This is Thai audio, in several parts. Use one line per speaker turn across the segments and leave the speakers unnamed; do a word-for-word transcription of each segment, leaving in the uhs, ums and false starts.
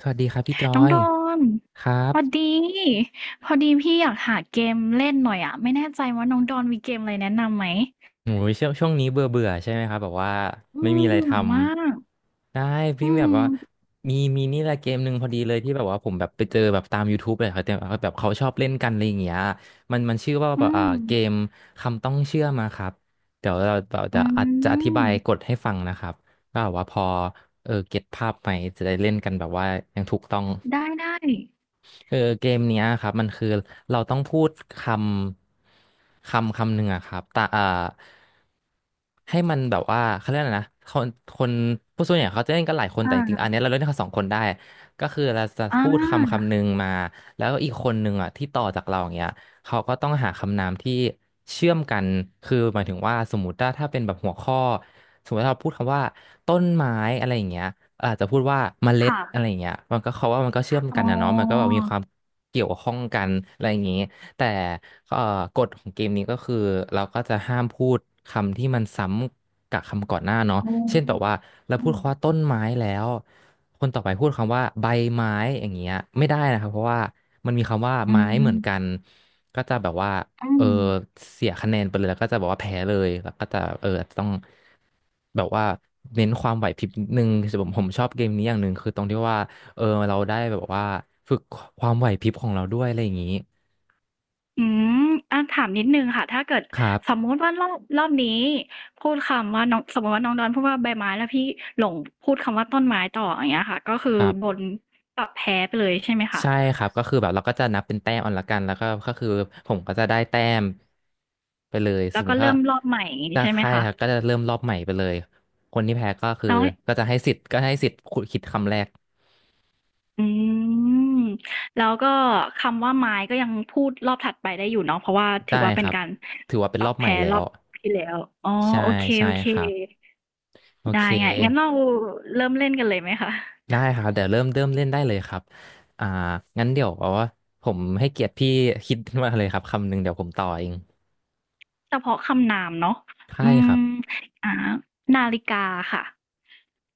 สวัสดีครับพี่จอ
น้อง
ย
โดน
ครั
พ
บ
อดีพอดีพี่อยากหาเกมเล่นหน่อยอ่ะไม่แน่ใจว่าน้องโดนมีเกมอะไรแนะนำไหม
โอ้ยช่วงช่วงนี้เบื่อเบื่อใช่ไหมครับแบบว่า
อื
ไม่
ม
มีอะไร
เบื่
ท
อมาก
ำได้พี่
อื
แบบ
ม
ว่ามีมีนี่แหละเกมหนึ่งพอดีเลยที่แบบว่าผมแบบไปเจอแบบตาม YouTube เลยครับแต่แบบเขาชอบเล่นกันอะไรอย่างเงี้ยมันมันชื่อว่า
อื
แบบอ่า
ม
เกมคำต้องเชื่อมาครับเดี๋ยวเราเรา
อื
จะอาจจะอธิ
ม
บายกฎให้ฟังนะครับก็แบบว่าพอเออเก็ตภาพไหมจะได้เล่นกันแบบว่ายังถูกต้อง
ได้ได้
คือเกมเนี้ยครับมันคือเราต้องพูดคำคำคำหนึ่งอะครับแต่อ่าให้มันแบบว่าเขาเรียกอะไรนะคนคนผู้ส่วนใหญ่เขาจะเล่นกันหลายคน
อ่
แต่จริงๆอั
า
นเนี้ยเราเล่นกันสองคนได้ก็คือเราจะ
อ่
พูดคำ
า
คำหนึ่งมาแล้วอีกคนหนึ่งอะที่ต่อจากเราอย่างเงี้ย เขาก็ต้องหาคำนามที่เชื่อมกันคือหมายถึงว่าสมมติว่าถ้าเป็นแบบหัวข้อสมมติถ้าเราพูดคำว่าต้นไม้อะไรอย่างเงี้ยอาจจะพูดว่าเมล็ด
ค่ะ
อะไรอย่างเงี้ยมันก็เขาว่ามันก็เชื่อม
อ๋
กันนะเนาะมันก็แบ
อ
บมีความเกี่ยวข้องกันอะไรอย่างงี้แต่เอ่อกฎของเกมนี้ก็คือเราก็จะห้ามพูดคำที่มันซ้ำกับคำก่อนหน้าเนาะ
อ๋อ
เช่นแบบว่าเรา
อื
พูด
ม
คำว่าต้นไม้แล้วคนต่อไปพูดคำว่าใบไม้อย่างเงี้ยไม่ได้นะครับเพราะว่า มันมีคำว่า
อื
ไม้เหมือ
ม
นกันก็จะแบบว่า
อื
เออ
ม
เสียคะแนนไปเลยแล้วก็จะบอกว่าแพ้เลยแล้วก็จะเอออาจจะต้องแบบว่าเน้นความไหวพริบนิดนึงคือผมผมชอบเกมนี้อย่างหนึ่งคือตรงที่ว่าเออเราได้แบบว่าฝึกความไหวพริบของเราด้วยอะไรอย่างนี้
อืมอาถามนิดหนึ่งค่ะถ้าเกิด
ครั
สม
บ
มุติว่ารอบรอบนี้พูดคำว่าน้องสมมุติว่าน้องดอนพูดว่าใบไม้แล้วพี่หลงพูดคำว่าต้นไม้ต่ออย่างเงี้ยค่ะก็คือ
ครั
โด
บ
นปรับแพ้ไปเลยใช่ไหมคะ
ใช่ครับก็คือแบบเราก็จะนับเป็นแต้มเอาละกันแล้วก็ก็คือผมก็จะได้แต้มไปเลยส
แล้
ม
ว
ม
ก็
ติถ้า
เริ่มรอบใหม่อย่าง
จะ
งี้ใช่
ใค
ไหม
ร
คะ
ครับก็จะเริ่มรอบใหม่ไปเลยคนที่แพ้ก็คือ
แล้ว
ก็จะให้สิทธิ์ก็ให้สิทธิ์ขุดคิดคำแรก
อืมแล้วก็คำว่าไม้ก็ยังพูดรอบถัดไปได้อยู่เนาะเพราะว่าถื
ได้
อว่า
ค
เป็น
รับ
การ
ถือว่าเป็น
ปรั
รอ
บ
บใหม่
แพ้
แล้
รอ
ว
บที่แล้วอ๋อ
ใช่
โอเค
ใช่ครับโอ
ๆ
เค
ได้ไงงั้นเราเริ่มเล่นกันเลยไหมคะ
ได้ครับเดี๋ยวเริ่มเริ่มเล่นได้เลยครับอ่างั้นเดี๋ยวเอาว่าผมให้เกียรติพี่คิดมาเลยครับคำหนึ่งเดี๋ยวผมต่อเอง
เฉพาะคำนามเนาะ
ใช่
อื
ครับ
มอ่านาฬิกาค่ะ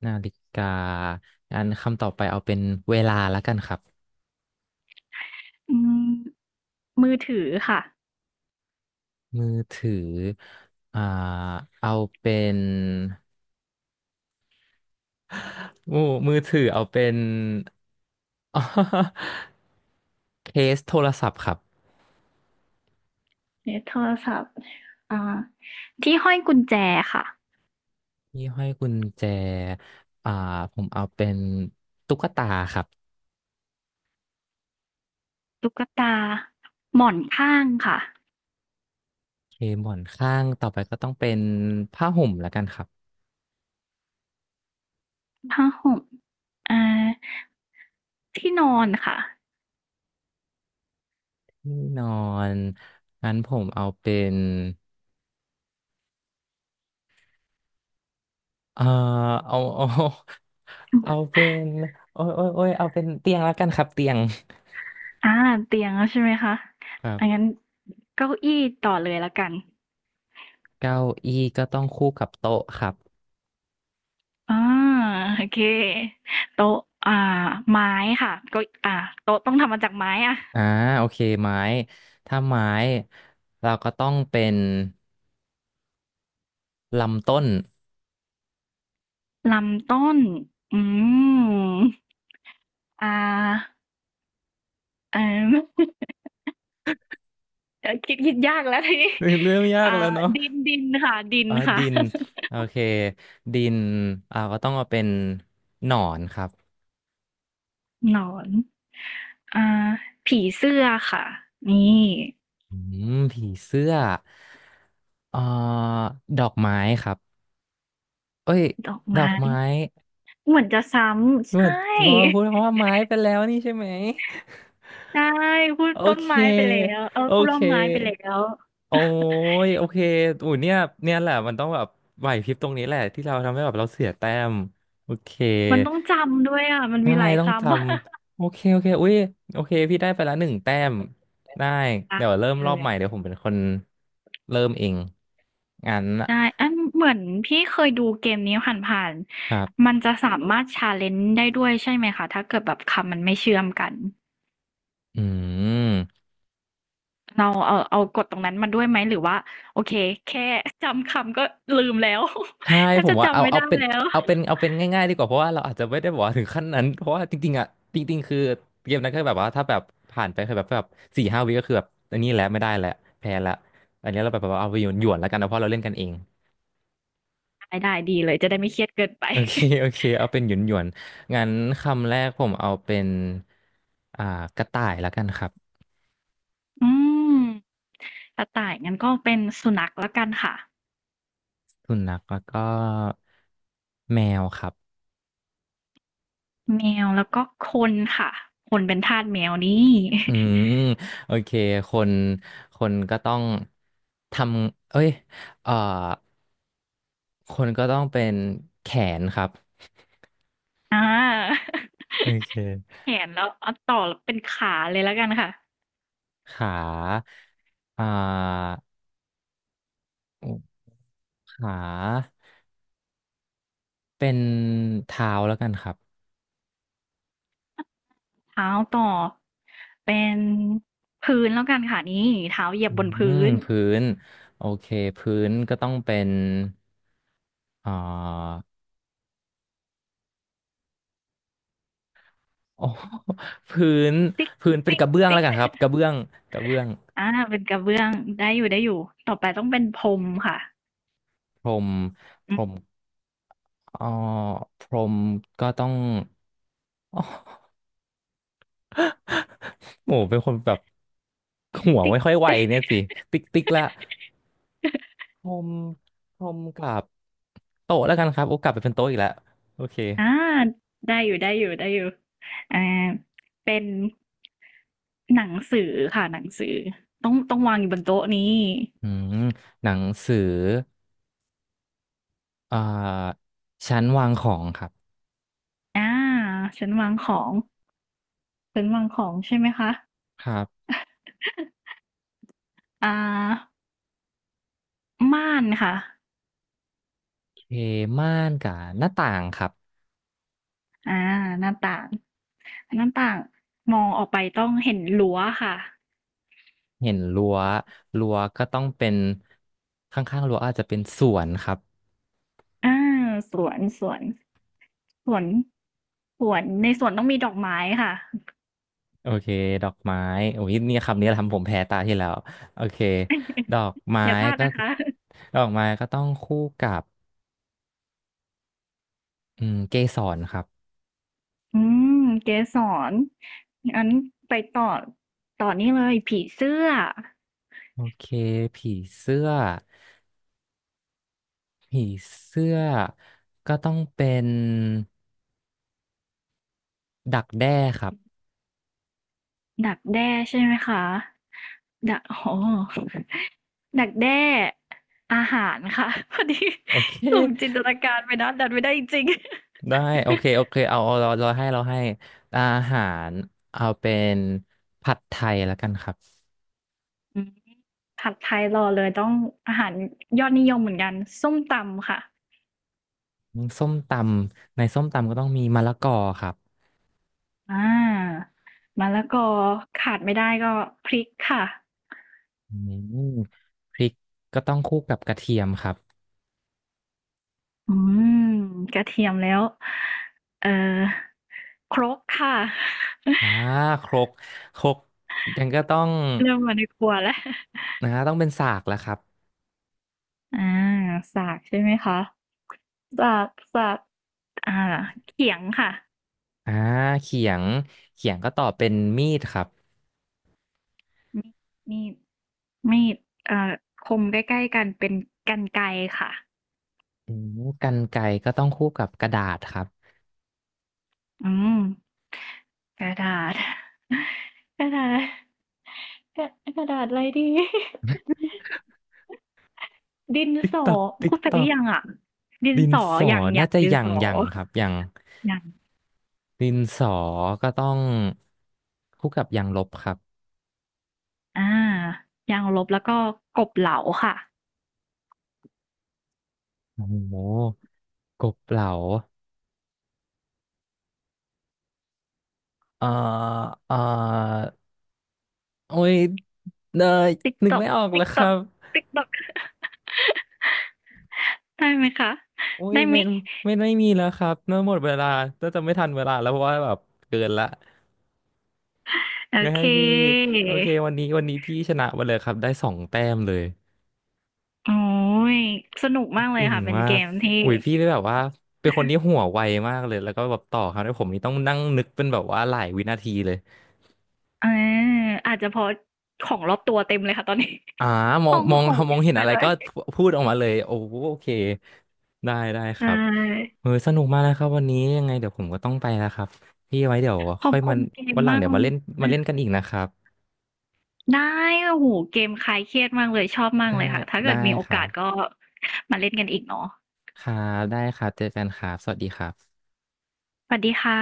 นาฬิกา งั้นคำต่อไปเอาเป็นเวลาแล้วกันครับ
อืมมือถือค่ะ
มือถืออ่าเอาเป็น มือมือถือเอาเป็น เคสโทรศัพท์ครับ
เนี่ยโทรศัพท์อ่าที่ห้อยกุญแจค่ะ
ที่ห้อยกุญแจอ่าผมเอาเป็นตุ๊กตาครับ
ตุ๊กตา หมอนข้างค่ะ
เคหมอนข้างต่อไปก็ต้องเป็นผ้าห่มแล้วกันครับ
ผ้าห่มอ่าที่นอนค่ะ
ที่นอน งั้นผมเอาเป็นเอ่อเอาเอา เอาเป็นโอ้ยโอ้ยโอ้ยเอาเป็นเตียงแล้วกันครับเตียง
อ่าเตียงแล้วใช่ไหมคะ
ครั
อั
บ
งั้นเก้าอี้ต่อเลยละกัน
เก้าอี้ก็ต้องคู่กับโต๊ะครับ
อ่าโอเคโต๊ะอ่าไม้ค่ะเก็อ่าโต๊ะต้องทำมาจากไม้อะ
อ่าโอเคไม้ถ้าไม้เราก็ต้องเป็นลำต้น
ลำต้น อืมอ่าเอ่อ เดี๋ยว คิดคิดยากแล้วทีนี้
เรื่องยาก
อ่า
แล้วเนาะ
ดินดินค่ะดิน
อ่า
ค่ะ
ดินโอเคดินเราก็ต้องเอาเป็นหนอนครับ
หนอน อ่าผีเสื้อค่ะนี่
อืมผีเสื้อเอ่อดอกไม้ครับเอ้ย
ดอก
ดอ
ไม้
กไม้
เหมือนจะซ้ำ
เหมือ
ใช่
นเพราะว่าพูดคำว่าไม้ไปแล้วนี่ใช่ไหม
ใช่พูด
โอ
ต้น
เค
ไม้ไปแล้วเออ
โอ
พูดร่
เค
มไม้ไปแล้ว
โอ้ ย โอเคอุ้ยเนี่ยเนี่ยแหละมันต้องแบบไหวพริบตรงนี้แหละที่เราทำให้แบบเราเสียแต้มโอเค
มันต้องจำด้วยอะมัน
ใช่
มีหลาย
ต้องจ
คำ อ่ะ
ำโอเค โอเคอุ้ยโอเคพี่ได้ไปละหนึ่งแต้มได้ เดี๋ยวเริ่
ได้
มรอบ
เล
ใหม่เดี๋ย
ย
วผมเป็นคนเริ่มเอง งั้นนะ
ใช่อันเหมือนพี่เคยดูเกมนี้ผ่าน
ครั
ๆ
บ
มันจะสามารถชาเลนจ์ได้ด้วยใช่ไหมคะ ถ้าเกิดแบบคำมันไม่เชื่อมกัน
อืม
เราเอาเอากดตรงนั้นมาด้วยไหมหรือว่าโอเคแค่จำคำก็ลืมแล้ว
ใช่
แทบ
ผม
จะ
ว่าเอา
จำไม่
เอา
ได้
เป็น
แล้ว
เอาเป็นเอาเป็นง่ายๆดีกว่าเพราะว่าเราอาจจะไม่ได้บอกว่าถึงขั้นนั้นเพราะว่าจริงๆอ่ะจริงๆคือเกมนั้นก็แบบว่าถ้าแบบผ่านไปคือแบบแบบสี่ห้าวิก็คือแบบอันนี้แหละไม่ได้แล้วแพ้แล้วอันนี้เราแบบว่าเอาไปหยวนหยวนแล้วกันนะเพราะเราเล่นกันเอง
ได้ได้ดีเลยจะได้ไม่เครียดเกินไป
โอเคโอเคเอาเป็นหยวนหยวนงั้นคำแรกผมเอาเป็นอ่ากระต่ายแล้วกันครับ
อืมกระต่ายงั้นก็เป็นสุนัขแล้วกันค่ะ
สุนัขแล้วก็แมวครับ
แมวแล้วก็คนค่ะคนเป็นทาสแมวนี่
อืมโอเคคนคนก็ต้องทำเอ้ยเอ่อ คนก็ต้องเป็นแขนครับ
อา
โอเค
แขนแล้วเอาต่อเป็นขาเลยแล้วกันค่ะ
ขาอ่าขา เป็นเท้าแล้วกันครับ
เท้าต่อเป็นพื้นแล้วกันค่ะนี่เท้าเหยีย
อื
บบนพื้
ม
น
พื้นโอเคพื้นก็ต้องเป็นอ่าโอ้ พื้น
ติ๊ก
พื้นเป็น
ติ๊
ก
ก
ระเบื้อง
ติ๊
แล้ว
ก
กั นครับกระเบื้องกระเบื้อง
อาเป็นกระเบื้องได้อยู่ได้อยู่ต่อไปต้องเป็นพรมค่ะ
พรมพ
อื
ร
ม
มอ๋อพรมก็ต้อง อ๋อ โหเป็นคนแบบหัว
ติ๊ก
ไม่ค่อยไว
ติ๊ก
เนี่ยสิติ๊กติ๊กละ พรมพรมกับโต๊ะแล้วกันครับโอ้กลับไปเป็นโต๊ะอีกแล้วโอเค
อาได้อยู่ได้อยู่ได้อยู่อ่าเป็นหนังสือค่ะหนังสือต้องต้องวางอยู่บนโต๊ะนี้
อืมหนังสืออ่าชั้นวางของครับ
อาฉันวางของฉันวางของใช่ไหมคะ
ครับ
อ่าม่านค่ะ
โอเคม่านกับหน้าต่างครับ
อ่าหน้าต่างหน้าต่างมองออกไปต้องเห็นรั้วค่ะ
เห็นรั้วรั้วก็ต้องเป็นข้างๆรั้วอาจจะเป็นสวนครับ
อ่าสวนสวนสวนสวนในสวนต้องมีดอกไม้ค่ะ
โอเคดอกไม้โอ้ยเนี่ยคำนี้ทำผมแพ้ตาที่แล้วโอเคดอกไม้
อย่าพลาด
ก็
นะคะ
ดอกไม้ก็ต้องคู่กับอืมเกสรครับ
อืมเกสรอันไปต่อต่อนี่เลยผีเสื้อ
โอเคผีเสื้อ ผีเสื้อก็ต้องเป็นดักแด้ครับ
ดักแด้ใช่ไหมคะดักโอ้ดักแด้อาหารค่ะพอดี
โอเค
หลงจินตนาการไปนะดันไม่ได้จริง
ได้โอเคโอ
อ
เคเอาเอาเราเราให้เราให้อาหารเอาเป็นผัดไทยแล้วกันครับ
ืมผัดไทยรอเลยต้องอาหารยอดนิยมเหมือนกันส้มตำค่ะ
ส้มตำในส้มตำก็ต้องมีมะละกอครับ
อามะละกอขาดไม่ได้ก็พริกค่ะ
อืมพริกก็ต้องคู่กับกระเทียมครับ
อืมกระเทียมแล้วเอ่อครกค่ะ
อ่าครกครกยังก็ต้อง
เริ่มมาในครัวแล้ว
นะต้องเป็นสากแล้วครับ
อาสากใช่ไหมคะสากสากอ่าเขียงค่ะ
อ่าเขียงเขียงก็ต่อเป็นมีดครับ
มีดมีดมีดเอ่อคมใกล้ๆกันเป็นกรรไกรค่ะ
อืมกรรไกรก็ต้องคู่กับกระดาษครับ
อืมกระดาษ กระดาษกระกระดาษอะไรดี ดิน
ติ๊ก
สอ
ตักติ๊ก
พูดไปห
ตั
รื
ก
อยังอ่ะดิน
ดิน
สอ
สอ
อย่างอ
น่า
ย่าง
จะ
ดิน
ยั
ส
ง
อ
ยังครับยัง
อย่าง
ดินสอก็ต้องคู่กับยางลบครับ
อ่ายางลบแล้วก็กบเหลาค่ะ
โอ้โหกบเหลาเอ่อเอ่อโอ้ยเนย
ติ๊ก
นึ
ต
ก
อก
ไม่ออกเล
ติ๊
ย
ก
ค
ตอ
รั
ก
บ
ติ๊กตอก ได้ไหมคะ
โอ้ย
ได้ไหม
ไม่
ย
ไม่ไม่มีแล้วครับเนื่อหมดเวลาน่าจะไม่ทันเวลาแล้วเพราะว่าแบบเกินละ
โอ
งั้น
เค
ให้พี่โอเควันนี้วันนี้พี่ชนะไปเลยครับได้สองแต้มเลย
โอ้ยสนุกมากเล
จ
ย
ริง
ค่ะเป็น
มา
เก
ก
มที่
อุ้ยพี่ได้แบบว่าเป็นคนที่หัวไวมากเลยแล้วก็แบบต่อครับแ้วผมนี่ต้องนั่งนึกเป็นแบบว่าหลายวินาทีเลย
อาอาจจะเพราะของรอบตัวเต็มเลยค่ะตอนนี้
อ่าม อ
ห้
ง
อง
มอง
ของ
ม
เย
อง
อะ
เห็น
ไป
อะไร
เล
ก็
ย
พูดออกมาเลยโอ้โอเคได้ได้ค
ใช
รับ
่
เออสนุกมากนะครับวันนี้ยังไงเดี๋ยวผมก็ต้องไปแล้วครับพี่ไว้เดี๋ยว
ขอ
ค่
บ
อย
คุ
มา
ณเกม
วันหลัง
มาก
เดี๋ยวมาเล่นมา
นะ
เล่นกันอีกนะครับ
ได้โอ้โฮเกมคลายเครียดมากเลยชอบมาก
ได้
เลยค่ะถ้าเกิ
ได้
ดมีโอ
ครั
กาส
บ
ก็มาเล่นกันอีกเนาะ
ครับได้ครับเจอกันครับสวัสดีครับ
สวัสดีค่ะ